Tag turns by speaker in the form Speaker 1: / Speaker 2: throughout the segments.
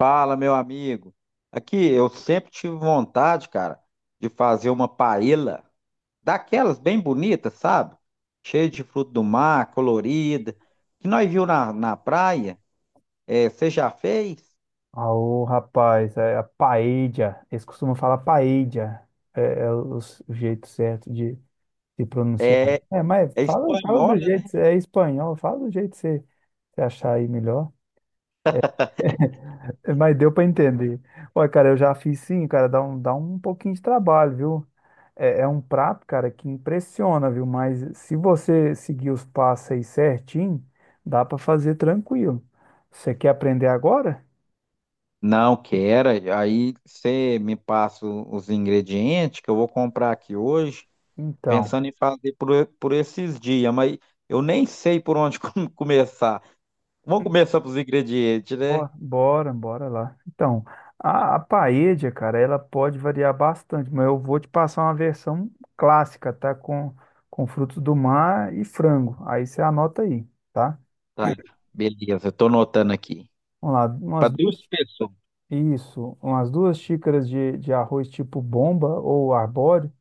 Speaker 1: Fala, meu amigo. Aqui, eu sempre tive vontade, cara, de fazer uma paella daquelas bem bonitas, sabe? Cheia de fruto do mar, colorida, que nós viu na praia. É, você já fez?
Speaker 2: Ô, rapaz, é a paella. Eles costumam falar paella. É o jeito certo de pronunciar.
Speaker 1: É,
Speaker 2: É, mas
Speaker 1: é
Speaker 2: fala do
Speaker 1: espanhola, né?
Speaker 2: jeito, é espanhol, fala do jeito que você achar aí melhor. É, mas deu para entender. Olha, cara, eu já fiz sim, cara, dá um pouquinho de trabalho, viu? É um prato, cara, que impressiona, viu? Mas se você seguir os passos aí certinho, dá para fazer tranquilo. Você quer aprender agora?
Speaker 1: Não, quero. Aí você me passa os ingredientes que eu vou comprar aqui hoje,
Speaker 2: Então.
Speaker 1: pensando em fazer por esses dias, mas eu nem sei por onde começar. Vamos começar pelos ingredientes, né?
Speaker 2: Ó, bora, bora lá. Então, a paella, cara, ela pode variar bastante, mas eu vou te passar uma versão clássica, tá? Com frutos do mar e frango. Aí você anota aí, tá?
Speaker 1: Tá, beleza, eu tô anotando aqui.
Speaker 2: Vamos lá,
Speaker 1: Para duas pessoas,
Speaker 2: isso, umas duas xícaras de arroz tipo bomba ou arbóreo,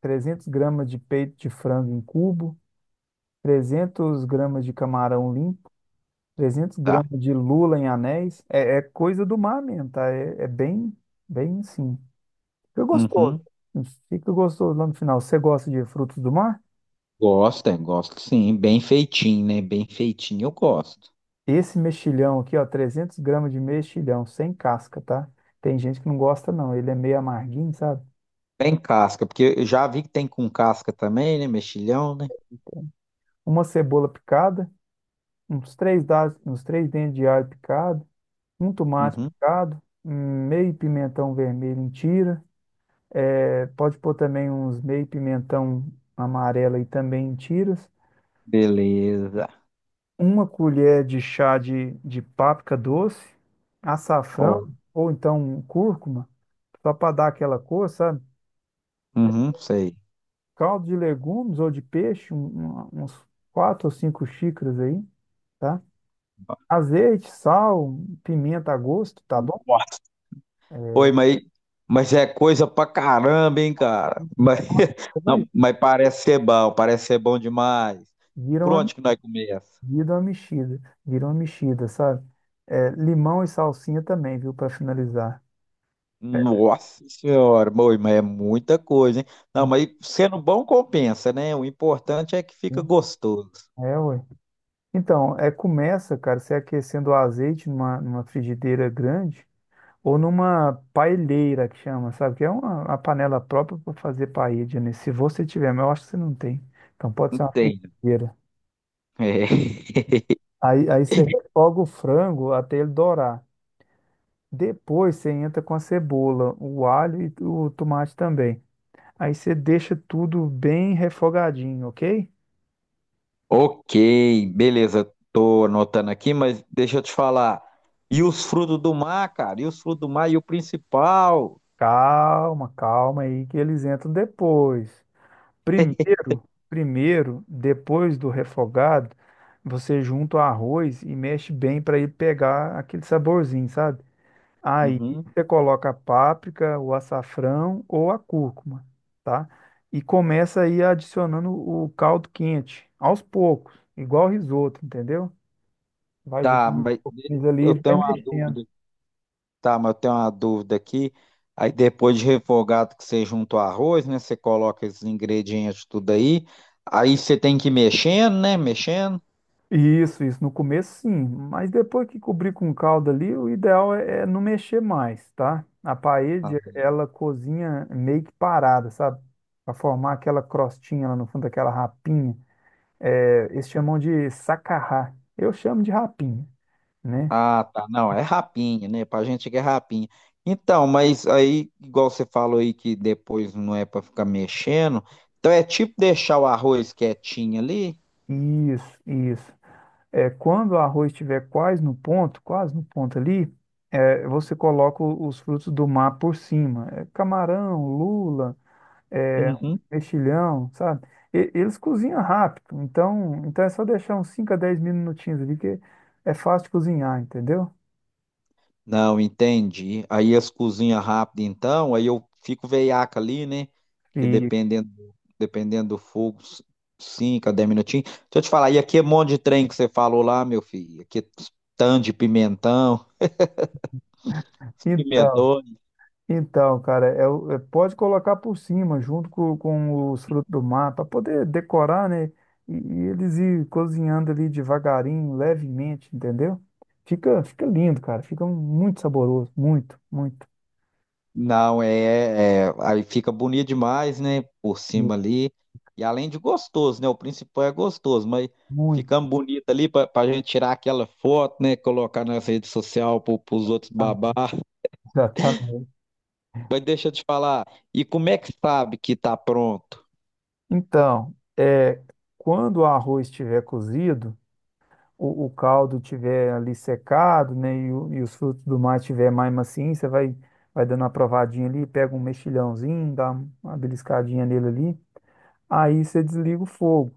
Speaker 2: 300 gramas de peito de frango em cubo, 300 gramas de camarão limpo, 300
Speaker 1: tá?
Speaker 2: gramas de lula em anéis. É coisa do mar mesmo, tá? É, é bem, bem simples. Fica gostoso.
Speaker 1: Uhum.
Speaker 2: Fica gostoso lá no final. Você gosta de frutos do mar?
Speaker 1: gosta Gosto sim. Bem feitinho, né? Bem feitinho, eu gosto.
Speaker 2: Esse mexilhão aqui, ó, 300 gramas de mexilhão, sem casca, tá? Tem gente que não gosta, não. Ele é meio amarguinho, sabe?
Speaker 1: Bem casca, porque eu já vi que tem com casca também, né? Mexilhão, né?
Speaker 2: Uma cebola picada, uns três dentes de alho picado, um tomate
Speaker 1: Uhum.
Speaker 2: picado, meio pimentão vermelho em tira. É, pode pôr também uns meio pimentão amarelo aí também em tiras.
Speaker 1: Beleza.
Speaker 2: Uma colher de chá de páprica doce, açafrão
Speaker 1: Ó,
Speaker 2: ou então um cúrcuma, só para dar aquela cor, sabe?
Speaker 1: uhum, sei.
Speaker 2: Caldo de legumes ou de peixe, uns quatro ou cinco xícaras aí, tá? Azeite, sal, pimenta a gosto, tá bom?
Speaker 1: Nossa. Oi, mas é coisa pra caramba, hein, cara? Mas, não,
Speaker 2: Vai,
Speaker 1: mas parece ser bom demais.
Speaker 2: vira
Speaker 1: Por
Speaker 2: uma,
Speaker 1: onde que nós começa?
Speaker 2: vira uma mexida, vira uma mexida, sabe? É, limão e salsinha também, viu, para finalizar.
Speaker 1: Nossa senhora, boi, mas é muita coisa, hein? Não,
Speaker 2: Isso,
Speaker 1: mas sendo bom compensa, né? O importante é que
Speaker 2: né?
Speaker 1: fica gostoso.
Speaker 2: É, ué. Então, começa, cara, você aquecendo o azeite numa frigideira grande ou numa paelheira que chama, sabe? Que é uma panela própria para fazer paella, né? Se você tiver, mas eu acho que você não tem. Então pode ser uma
Speaker 1: Entendo.
Speaker 2: frigideira.
Speaker 1: É.
Speaker 2: Aí você refoga o frango até ele dourar. Depois você entra com a cebola, o alho e o tomate também. Aí você deixa tudo bem refogadinho, ok?
Speaker 1: Ok, beleza. Tô anotando aqui, mas deixa eu te falar. E os frutos do mar, cara? E os frutos do mar e o principal?
Speaker 2: Calma, calma aí que eles entram depois. Primeiro, primeiro, depois do refogado, você junta o arroz e mexe bem para ele pegar aquele saborzinho, sabe? Aí
Speaker 1: Uhum.
Speaker 2: você coloca a páprica, o açafrão ou a cúrcuma, tá? E começa aí adicionando o caldo quente, aos poucos, igual risoto, entendeu? Vai
Speaker 1: Tá,
Speaker 2: jogando um
Speaker 1: mas
Speaker 2: pouquinho ali e
Speaker 1: eu
Speaker 2: vai
Speaker 1: tenho uma dúvida.
Speaker 2: mexendo.
Speaker 1: Tá, mas eu tenho uma dúvida aqui. Aí depois de refogado que você junta o arroz, né? Você coloca esses ingredientes tudo aí. Aí você tem que ir mexendo, né? Mexendo.
Speaker 2: Isso, isso. No começo, sim. Mas depois que cobrir com calda ali, o ideal é não mexer mais, tá? A parede, ela cozinha meio que parada, sabe? Para formar aquela crostinha lá no fundo, aquela rapinha. É, eles chamam de sacarrá. Eu chamo de rapinha, né?
Speaker 1: Ah, tá. Não, é rapinha, né? Pra gente que é rapinha. Então, mas aí, igual você falou aí que depois não é pra ficar mexendo. Então é tipo deixar o arroz quietinho ali.
Speaker 2: Isso, isso. É, quando o arroz estiver quase no ponto ali, você coloca os frutos do mar por cima. É, camarão, lula é,
Speaker 1: Uhum.
Speaker 2: mexilhão, sabe? Eles cozinham rápido, então é só deixar uns 5 a 10 minutinhos ali, que é fácil de cozinhar, entendeu?
Speaker 1: Não, entendi. Aí as cozinha rápido, então, aí eu fico veiaca ali, né? Que
Speaker 2: E,
Speaker 1: dependendo do fogo, 5 a 10 minutinhos. Deixa eu te falar, e aqui é um monte de trem que você falou lá, meu filho. Aqui é tanto de pimentão,
Speaker 2: então,
Speaker 1: pimentão.
Speaker 2: então, cara, pode colocar por cima, junto com os frutos do mar, para poder decorar, né? E eles ir cozinhando ali devagarinho, levemente, entendeu? Fica lindo, cara. Fica muito saboroso. Muito, muito.
Speaker 1: Não, é, aí fica bonito demais, né? Por cima ali. E além de gostoso, né? O principal é gostoso, mas
Speaker 2: Muito.
Speaker 1: ficamos bonito ali pra gente tirar aquela foto, né? Colocar nas redes sociais pro, pros outros babar.
Speaker 2: Exatamente.
Speaker 1: Mas deixa eu te falar, e como é que sabe que tá pronto?
Speaker 2: Então, quando o arroz estiver cozido, o caldo estiver ali secado, né, e os frutos do mar estiver mais macio, você vai dando uma provadinha ali, pega um mexilhãozinho, dá uma beliscadinha nele ali, aí você desliga o fogo,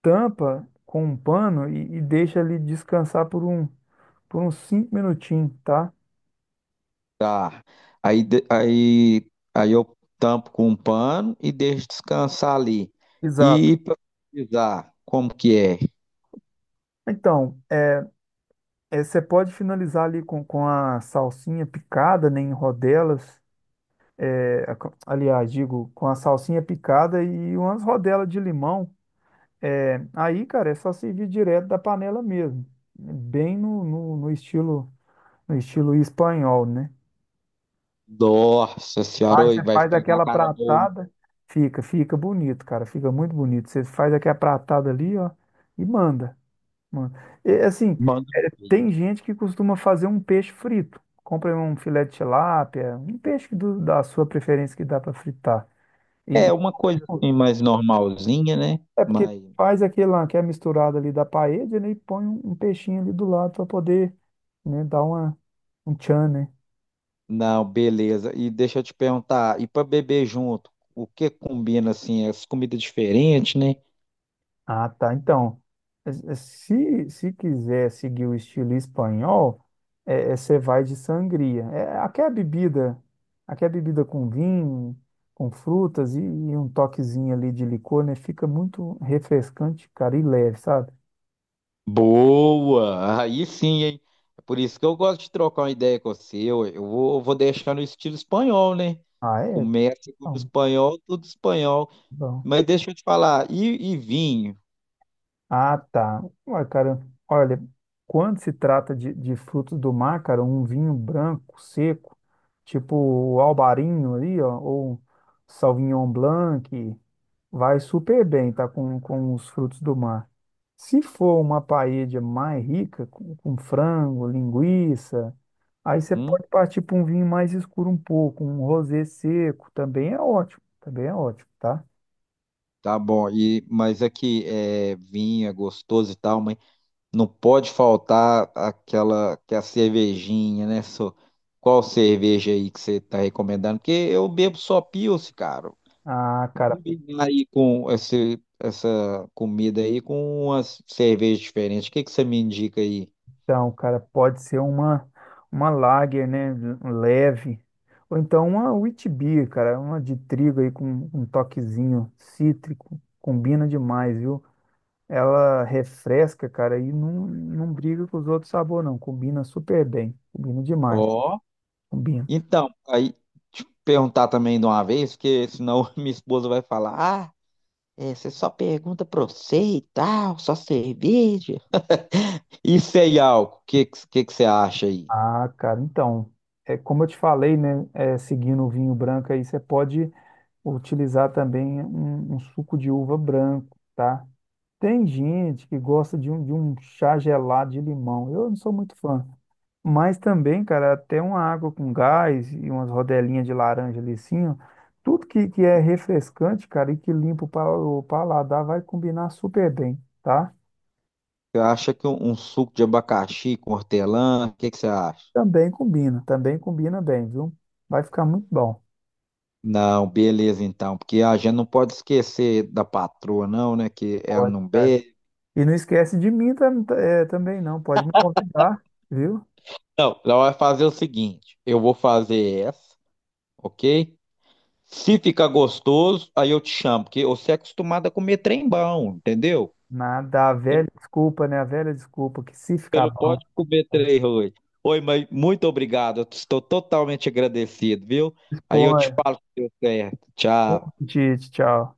Speaker 2: tampa com um pano e deixa ele descansar por uns 5 minutinhos, tá?
Speaker 1: Tá. Aí, de- aí, Aí eu tampo com um pano e deixo descansar ali.
Speaker 2: Exato.
Speaker 1: E para pesquisar, como que é?
Speaker 2: Então, você pode finalizar ali com a salsinha picada, né, em rodelas, aliás, digo, com a salsinha picada e umas rodelas de limão. É, aí, cara, é só servir direto da panela mesmo, bem no estilo espanhol, né?
Speaker 1: Nossa senhora, oi, vai
Speaker 2: Faz
Speaker 1: ficar com a
Speaker 2: aquela
Speaker 1: cara boa.
Speaker 2: pratada, fica bonito, cara, fica muito bonito. Você faz aquela pratada ali, ó, e manda, manda. E, assim,
Speaker 1: Manda um
Speaker 2: tem
Speaker 1: vídeo.
Speaker 2: gente que costuma fazer um peixe frito. Compra um filé de tilápia, um peixe da sua preferência que dá para fritar.
Speaker 1: É
Speaker 2: E,
Speaker 1: uma coisa
Speaker 2: tipo,
Speaker 1: assim mais normalzinha, né?
Speaker 2: é porque
Speaker 1: Mas
Speaker 2: faz aquela que é misturada ali da paella, né, e põe um peixinho ali do lado para poder, né, um tchan, né?
Speaker 1: não, beleza. E deixa eu te perguntar, e para beber junto, o que combina assim? As comidas diferentes, né?
Speaker 2: Ah, tá. Então, se quiser seguir o estilo espanhol, você vai de sangria. É, aqui é a bebida com vinho, com frutas e um toquezinho ali de licor, né? Fica muito refrescante, cara, e leve, sabe?
Speaker 1: Boa! Aí sim, hein? É por isso que eu gosto de trocar uma ideia com você. Eu vou deixar no estilo espanhol, né?
Speaker 2: Ah, é?
Speaker 1: Começa com o
Speaker 2: Bom,
Speaker 1: espanhol, tudo espanhol.
Speaker 2: bom.
Speaker 1: Mas deixa eu te falar, e vinho?
Speaker 2: Ah, tá. Ué, cara, olha, quando se trata de frutos do mar, cara, um vinho branco, seco, tipo o Albarinho ali, ó, ou Sauvignon Blanc, vai super bem, tá, com os frutos do mar. Se for uma paella mais rica, com frango, linguiça, aí você
Speaker 1: Hum?
Speaker 2: pode partir para um vinho mais escuro um pouco, um rosé seco, também é ótimo, tá?
Speaker 1: Tá bom, e, mas aqui é vinho, é gostoso e tal, mas não pode faltar aquela cervejinha, né? só? Qual cerveja aí que você tá recomendando? Porque eu bebo só Pils, cara.
Speaker 2: Ah, cara,
Speaker 1: Combinar aí com essa comida aí com umas cervejas diferentes. O que que você me indica aí?
Speaker 2: então, cara, pode ser uma lager, né? Leve. Ou então uma wheat beer, cara. Uma de trigo aí com um toquezinho cítrico. Combina demais, viu? Ela refresca, cara, e não briga com os outros sabores, não. Combina super bem. Combina demais.
Speaker 1: Ó.
Speaker 2: Combina.
Speaker 1: Então, aí te perguntar também de uma vez, porque senão minha esposa vai falar: Ah, é, você só pergunta pra você e tal, só cerveja. E sem álcool, o que, que você acha aí?
Speaker 2: Ah, cara, então, é como eu te falei, né? Seguindo o vinho branco aí, você pode utilizar também um suco de uva branco, tá? Tem gente que gosta de um chá gelado de limão. Eu não sou muito fã. Mas também, cara, até uma água com gás e umas rodelinhas de laranja ali assim, ó. Tudo que é refrescante, cara, e que limpa o paladar vai combinar super bem, tá?
Speaker 1: Você acha que um suco de abacaxi com hortelã, o que que você acha?
Speaker 2: Também combina bem, viu? Vai ficar muito bom.
Speaker 1: Não, beleza então, porque a gente não pode esquecer da patroa, não, né? Que ela não
Speaker 2: Ótimo.
Speaker 1: bebe.
Speaker 2: E não esquece de mim também, não. Pode me convidar, viu?
Speaker 1: Não, ela vai fazer o seguinte: eu vou fazer essa, ok? Se ficar gostoso, aí eu te chamo, porque você é acostumado a comer trem bom, entendeu?
Speaker 2: Nada, a
Speaker 1: Você não
Speaker 2: velha desculpa, né? A velha desculpa que se
Speaker 1: Você
Speaker 2: ficar
Speaker 1: não
Speaker 2: bom,
Speaker 1: pode comer
Speaker 2: né?
Speaker 1: trem ruim. Oi, mas muito obrigado, eu estou totalmente agradecido, viu? Aí eu
Speaker 2: Expõe.
Speaker 1: te falo se deu certo.
Speaker 2: Bom
Speaker 1: Tchau.
Speaker 2: apetite, tchau.